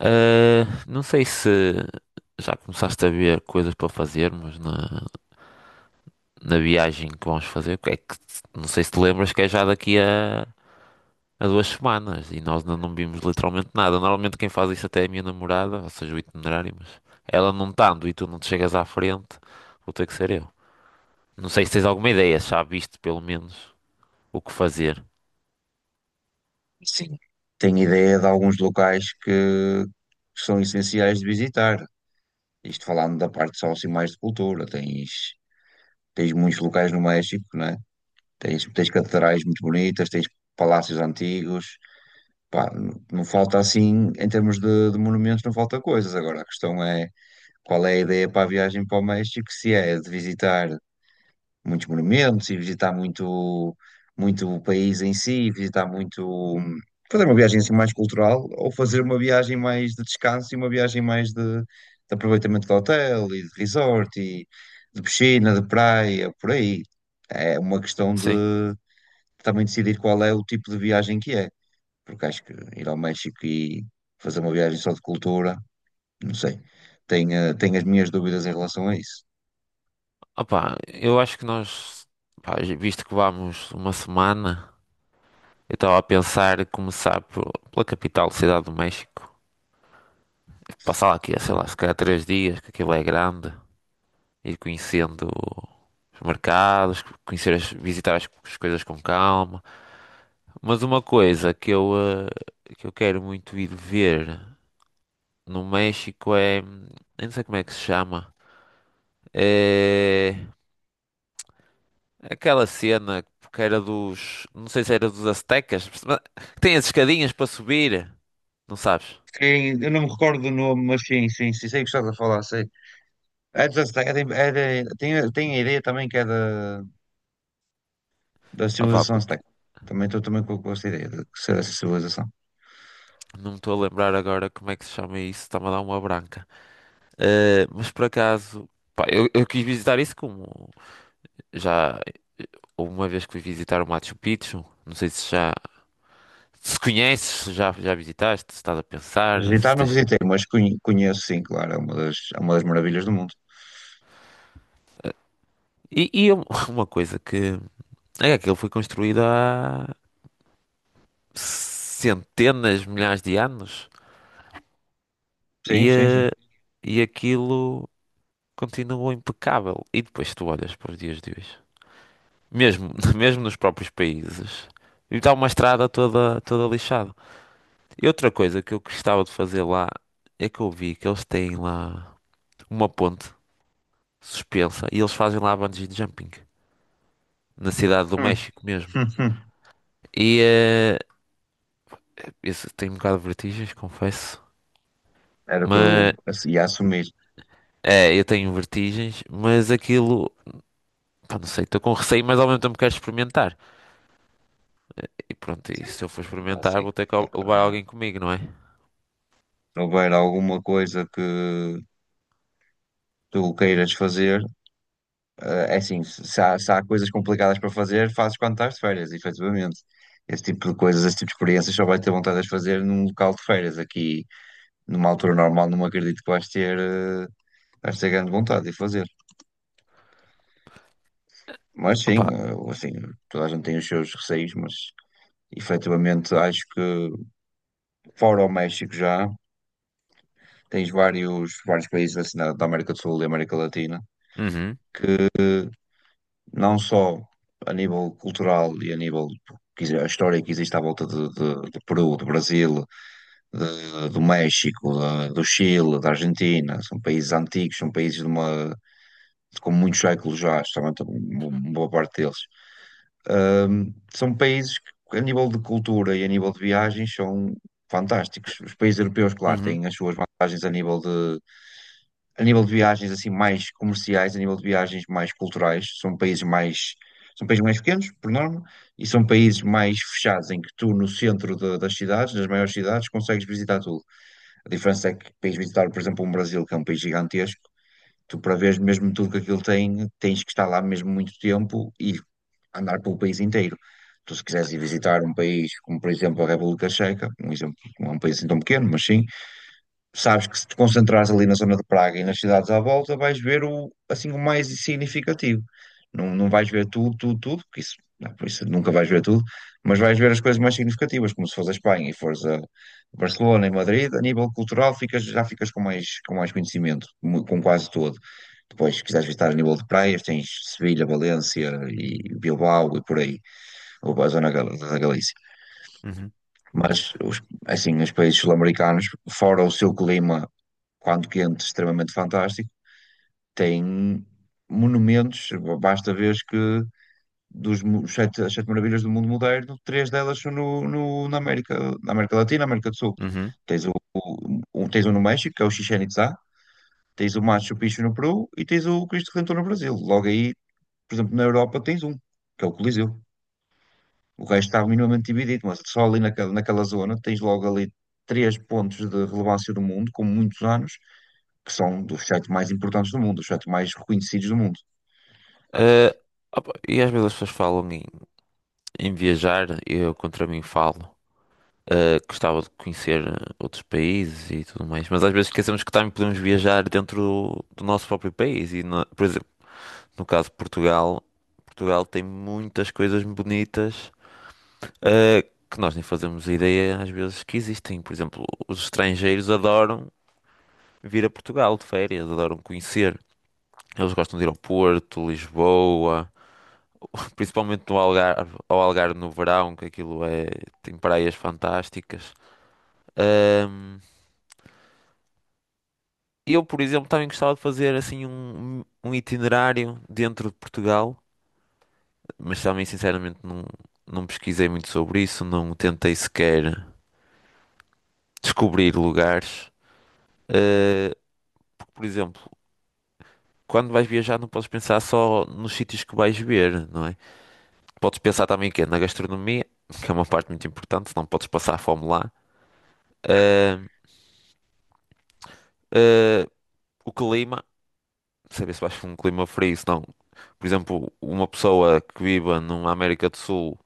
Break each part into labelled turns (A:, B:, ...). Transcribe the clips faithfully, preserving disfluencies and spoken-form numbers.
A: Ah, não sei se já começaste a ver coisas para fazermos na, na viagem que vamos fazer. Que É que, não sei se te lembras que é já daqui a, a duas semanas e nós ainda não vimos literalmente nada. Normalmente quem faz isso até é a minha namorada, ou seja, o itinerário, mas ela não estando e tu não te chegas à frente, vou ter que ser eu. Não sei se tens alguma ideia, se já viste pelo menos o que fazer.
B: Sim. Tenho ideia de alguns locais que, que são essenciais de visitar. Isto falando da parte só assim mais de cultura, tens, tens muitos locais no México, né? Tens, tens catedrais muito bonitas, tens palácios antigos. Pá, n- não falta assim, em termos de, de monumentos, não falta coisas. Agora, a questão é qual é a ideia para a viagem para o México, se é de visitar muitos monumentos e visitar muito, muito o país em si, visitar muito, hum, fazer uma viagem assim mais cultural ou fazer uma viagem mais de descanso e uma viagem mais de, de aproveitamento de hotel e de resort e de piscina, de praia, por aí. É uma questão de
A: Sim.
B: também decidir qual é o tipo de viagem que é, porque acho que ir ao México e fazer uma viagem só de cultura, não sei. Tenho, eh, tenho as minhas dúvidas em relação a isso.
A: Opá, eu acho que nós, pá, visto que vamos uma semana. Eu estava a pensar em começar pelo- pela capital, Cidade do México. Passar lá aqui, sei lá, se calhar três dias, que aquilo é grande. Ir conhecendo os mercados, conhecer as- visitar as, as coisas com calma. Mas uma coisa que eu, eh, que eu quero muito ir ver no México é... hum, Eu não sei como é que se chama. É... Aquela cena que era dos... Não sei se era dos aztecas, mas que tem as escadinhas para subir. Não sabes?
B: Sim, eu não me recordo do nome, mas sim, sim, sim, sei o que estás a falar, sei. É dos Aztecas, é, de- é, de- tem, tem a ideia também que é da, da
A: Opa,
B: civilização Azteca. Também estou também com, com essa ideia de ser essa civilização.
A: não me estou a lembrar agora como é que se chama isso, está-me a dar uma branca. Eh, mas por acaso, pá, eu, eu quis visitar isso como já uma vez que fui visitar o Machu Picchu, não sei se já se conheces, se já, já visitaste, se estás a pensar,
B: Visitar
A: se
B: não
A: tens.
B: visitei, mas conhe- conheço sim, claro, é uma das, é uma das maravilhas do mundo.
A: E, e um- uma coisa que é que aquilo foi construído há centenas, milhares de anos
B: Sim,
A: e,
B: sim,
A: eh,
B: sim.
A: e aquilo continua impecável. E depois tu olhas para os dias de hoje. Mesmo, mesmo nos próprios países. E está uma estrada toda, toda lixada. E outra coisa que eu gostava de fazer lá é que eu vi que eles têm lá uma ponte suspensa e eles fazem lá bungee jumping. Na cidade do
B: Hum,
A: México mesmo.
B: hum, hum.
A: E eh, isso tem um bocado de vertigens, confesso.
B: Era o que eu
A: Mas
B: ass- ia assumir.
A: é, eu tenho vertigens, mas aquilo, pá, não sei, estou com receio, mas ao mesmo tempo quero experimentar. E pronto, e se eu for experimentar,
B: Assim,
A: vou ter que al- levar
B: ah,
A: alguém comigo, não é?
B: se houver alguma coisa que tu queiras fazer, ah, é assim, se se há, se há coisas complicadas para fazer, fazes quando estás de férias, efetivamente. Esse tipo de coisas, esse tipo de experiências só vais ter vontade de as fazer num local de férias. Aqui, numa altura normal, não acredito que vais ter, ah, vais ter grande vontade de fazer. Mas sim,
A: Opa,
B: ah, assim, toda a gente tem os seus receios, mas efetivamente acho que fora o México já, tens vários, vários países assim, da da América do Sul e América Latina
A: uhum,
B: não só a nível cultural e a nível que exi- a história que existe à volta de, de- do Peru, do Brasil, de- do México, da- do Chile, da Argentina, são países antigos, são países de uma, com muitos séculos já, justamente uma uma boa parte deles. Ahm, são países que, a nível de cultura e a nível de viagens, são fantásticos. Os países europeus, claro,
A: uhum,
B: têm as suas vantagens a nível de a nível de viagens assim mais comerciais, a nível de viagens mais culturais, são países mais são países mais pequenos, por norma, e são países mais fechados, em que tu no centro da- das cidades, das maiores cidades, consegues visitar tudo. A diferença é que para ires visitar, por exemplo, um Brasil, que é um país gigantesco, tu para ver mesmo tudo que aquilo tem, tens que estar lá mesmo muito tempo e andar pelo país inteiro. Tu se quiseres ir visitar um país como, por exemplo, a República Checa, um exemplo, não é um país assim tão pequeno, mas sim, sabes que se te concentrares ali na zona de Praga e nas cidades à volta, vais ver o, assim, o mais significativo. Não, não vais ver tudo, tudo, tudo, porque isso, não, por isso nunca vais ver tudo, mas vais ver as coisas mais significativas, como se fores a Espanha e fores a Barcelona e Madrid, a nível cultural ficas, já ficas com mais, com mais conhecimento, mu- com quase todo. Depois, se quiseres visitar a nível de praias, tens Sevilha, Valência e Bilbao e por aí, ou a zona gal- da Galícia.
A: uhum.
B: Mas, os, assim, os países sul-americanos, fora o seu clima, quando quente, extremamente fantástico, têm monumentos. Basta ver que dos mu- sete, as sete maravilhas do mundo moderno, três delas são no, no- na América, na América Latina, América do Sul.
A: Uhum.
B: Tens o, o- um- tens um no México, que é o Chichén Itzá, tens o Machu Picchu no Peru e tens o Cristo Redentor no Brasil. Logo aí, por exemplo, na Europa tens um, que é o Coliseu. O resto estava minimamente dividido, mas só ali naquela, naquela zona tens logo ali três pontos de relevância do mundo, com muitos anos, que são dos sete mais importantes do mundo, os sete mais reconhecidos do mundo.
A: Eh, opa, e às vezes as pessoas falam em, em viajar, e eu contra mim falo. Eh, gostava de conhecer eh, outros países e tudo mais, mas às vezes esquecemos que também podemos viajar dentro do, do nosso próprio país. E, no- por exemplo, no caso de Portugal, Portugal tem muitas coisas bonitas, eh, que nós nem fazemos ideia às vezes que existem. Por exemplo, os estrangeiros adoram vir a Portugal de férias, adoram conhecer. Eles gostam de ir ao Porto, Lisboa, principalmente no Algarve, ao Algarve no verão, que aquilo é, tem praias fantásticas. Ahm, eu, por exemplo, também gostava de fazer assim um, um itinerário dentro de Portugal, mas também sinceramente não, não pesquisei muito sobre isso, não tentei sequer descobrir lugares. Ah, Porque, por exemplo, quando vais viajar não podes pensar só nos sítios que vais ver, não é? Podes pensar também que é na gastronomia, que é uma parte muito importante, não podes passar fome lá. Ah, ah, O clima, saber se vais para um clima frio, se não. Por exemplo, uma pessoa que viva numa América do Sul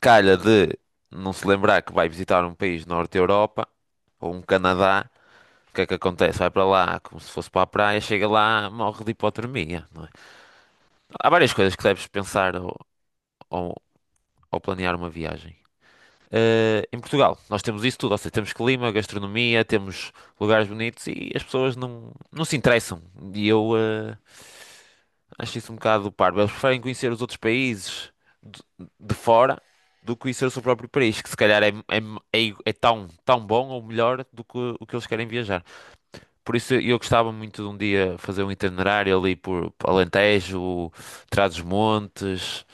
A: calha de não se lembrar que vai visitar um país do norte da Europa ou um Canadá, o que é que acontece? Vai para lá como se fosse para a praia, chega lá, morre de hipotermia, não é? Há várias coisas que deves pensar ao, ao- ao planear uma viagem. Eh, em Portugal, nós temos isso tudo, ou seja, temos clima, gastronomia, temos lugares bonitos e as pessoas não, não se interessam. E eu, eh, Acho isso um bocado parvo. Eles preferem conhecer os outros países de, de fora do que conhecer o seu próprio país, que se calhar é, é, é, é tão, tão bom ou melhor do que o que eles querem viajar. Por isso eu gostava muito de um dia fazer um itinerário ali por Alentejo, Trás-os-Montes,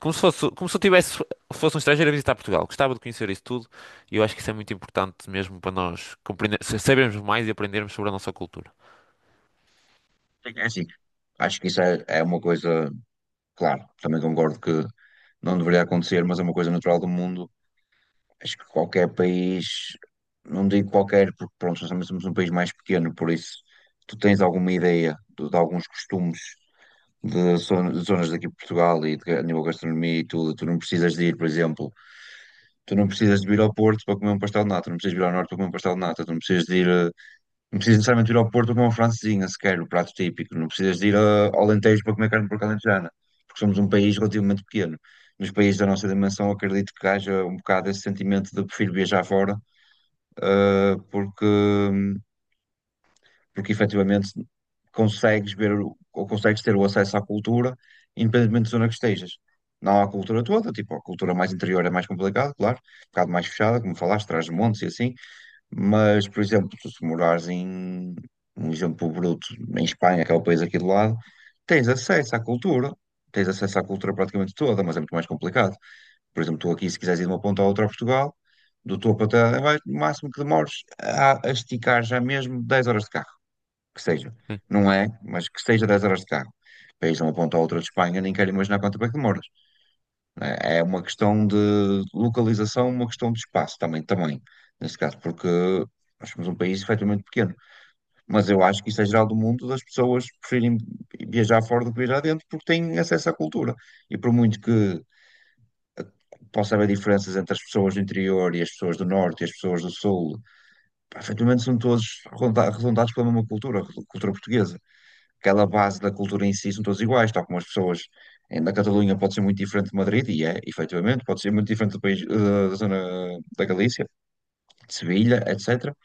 A: como se fosse, como se eu tivesse, fosse um estrangeiro a visitar Portugal. Gostava de conhecer isso tudo e eu acho que isso é muito importante mesmo para nós compreender, sabermos mais e aprendermos sobre a nossa cultura.
B: É assim, acho que isso é, é uma coisa, claro, também concordo que não deveria acontecer, mas é uma coisa natural do mundo. Acho que qualquer país, não digo qualquer, porque pronto, nós também somos um país mais pequeno, por isso tu tens alguma ideia de, de alguns costumes de zon- zonas daqui de Portugal e de, a nível de gastronomia e tudo. Tu não precisas de ir, por exemplo, tu não precisas de vir ao Porto para comer um pastel de nata, tu não precisas de ir ao Norte para comer um pastel de nata, tu não precisas de ir, eh, não precisas necessariamente ir ao Porto para comer uma francesinha sequer, o prato típico, não precisas de ir eh, ao Alentejo para comer carne porca alentejana, porque somos um país relativamente pequeno. Nos países da nossa dimensão, acredito que haja um bocado esse sentimento de prefiro viajar fora, eh, porque hum, porque efetivamente consegues ver o- ou consegues ter o acesso à cultura, independentemente da zona que estejas. Não há a cultura toda, tipo, a cultura mais interior é mais complicada, claro, um bocado mais fechada, como falaste, Trás-os-Montes e assim, mas, por exemplo, tu se morares em, um exemplo bruto, em Espanha, que é o país aqui do lado, tens acesso à cultura, tens acesso à cultura praticamente toda, mas é muito mais complicado. Por exemplo, tu aqui, se quiseres ir de uma ponta à outra a Portugal, do topo até lá em baixo, no máximo que demores a, a esticar já mesmo dez horas de carro que seja. Não é, mas que seja dez horas de carro. Para ir de uma ponta à outra de Espanha, nem quero imaginar quanto tempo é que demoras. É é uma questão de localização, uma questão de espaço também, também, nesse caso, porque nós somos um país efetivamente pequeno. Mas eu acho que isso é geral do mundo, das pessoas preferirem viajar fora do que viajar dentro, porque têm acesso à cultura. E por muito que possa haver diferenças entre as pessoas do interior e as pessoas do norte e as pessoas do sul, pá, efetivamente são todos arredonda- arredondados pela mesma cultura, a cultura portuguesa. Aquela base da cultura em si são todos iguais, tal como as pessoas em- na Catalunha pode ser muito diferente de Madrid, e é, efetivamente, pode ser muito diferente do país, eh, da zona da Galícia, de Sevilha, etcétera.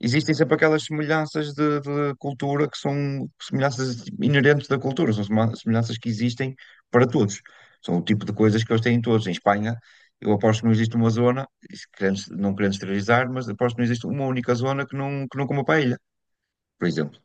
B: Existem sempre aquelas semelhanças de, de cultura que são semelhanças inerentes da cultura, são sema- semelhanças que existem para todos. São o tipo de coisas que eles têm todos. Em Espanha, eu aposto que não existe uma zona, e se querendo- não querendo esterilizar, mas aposto que não existe uma única zona que não, que não coma paella, por exemplo.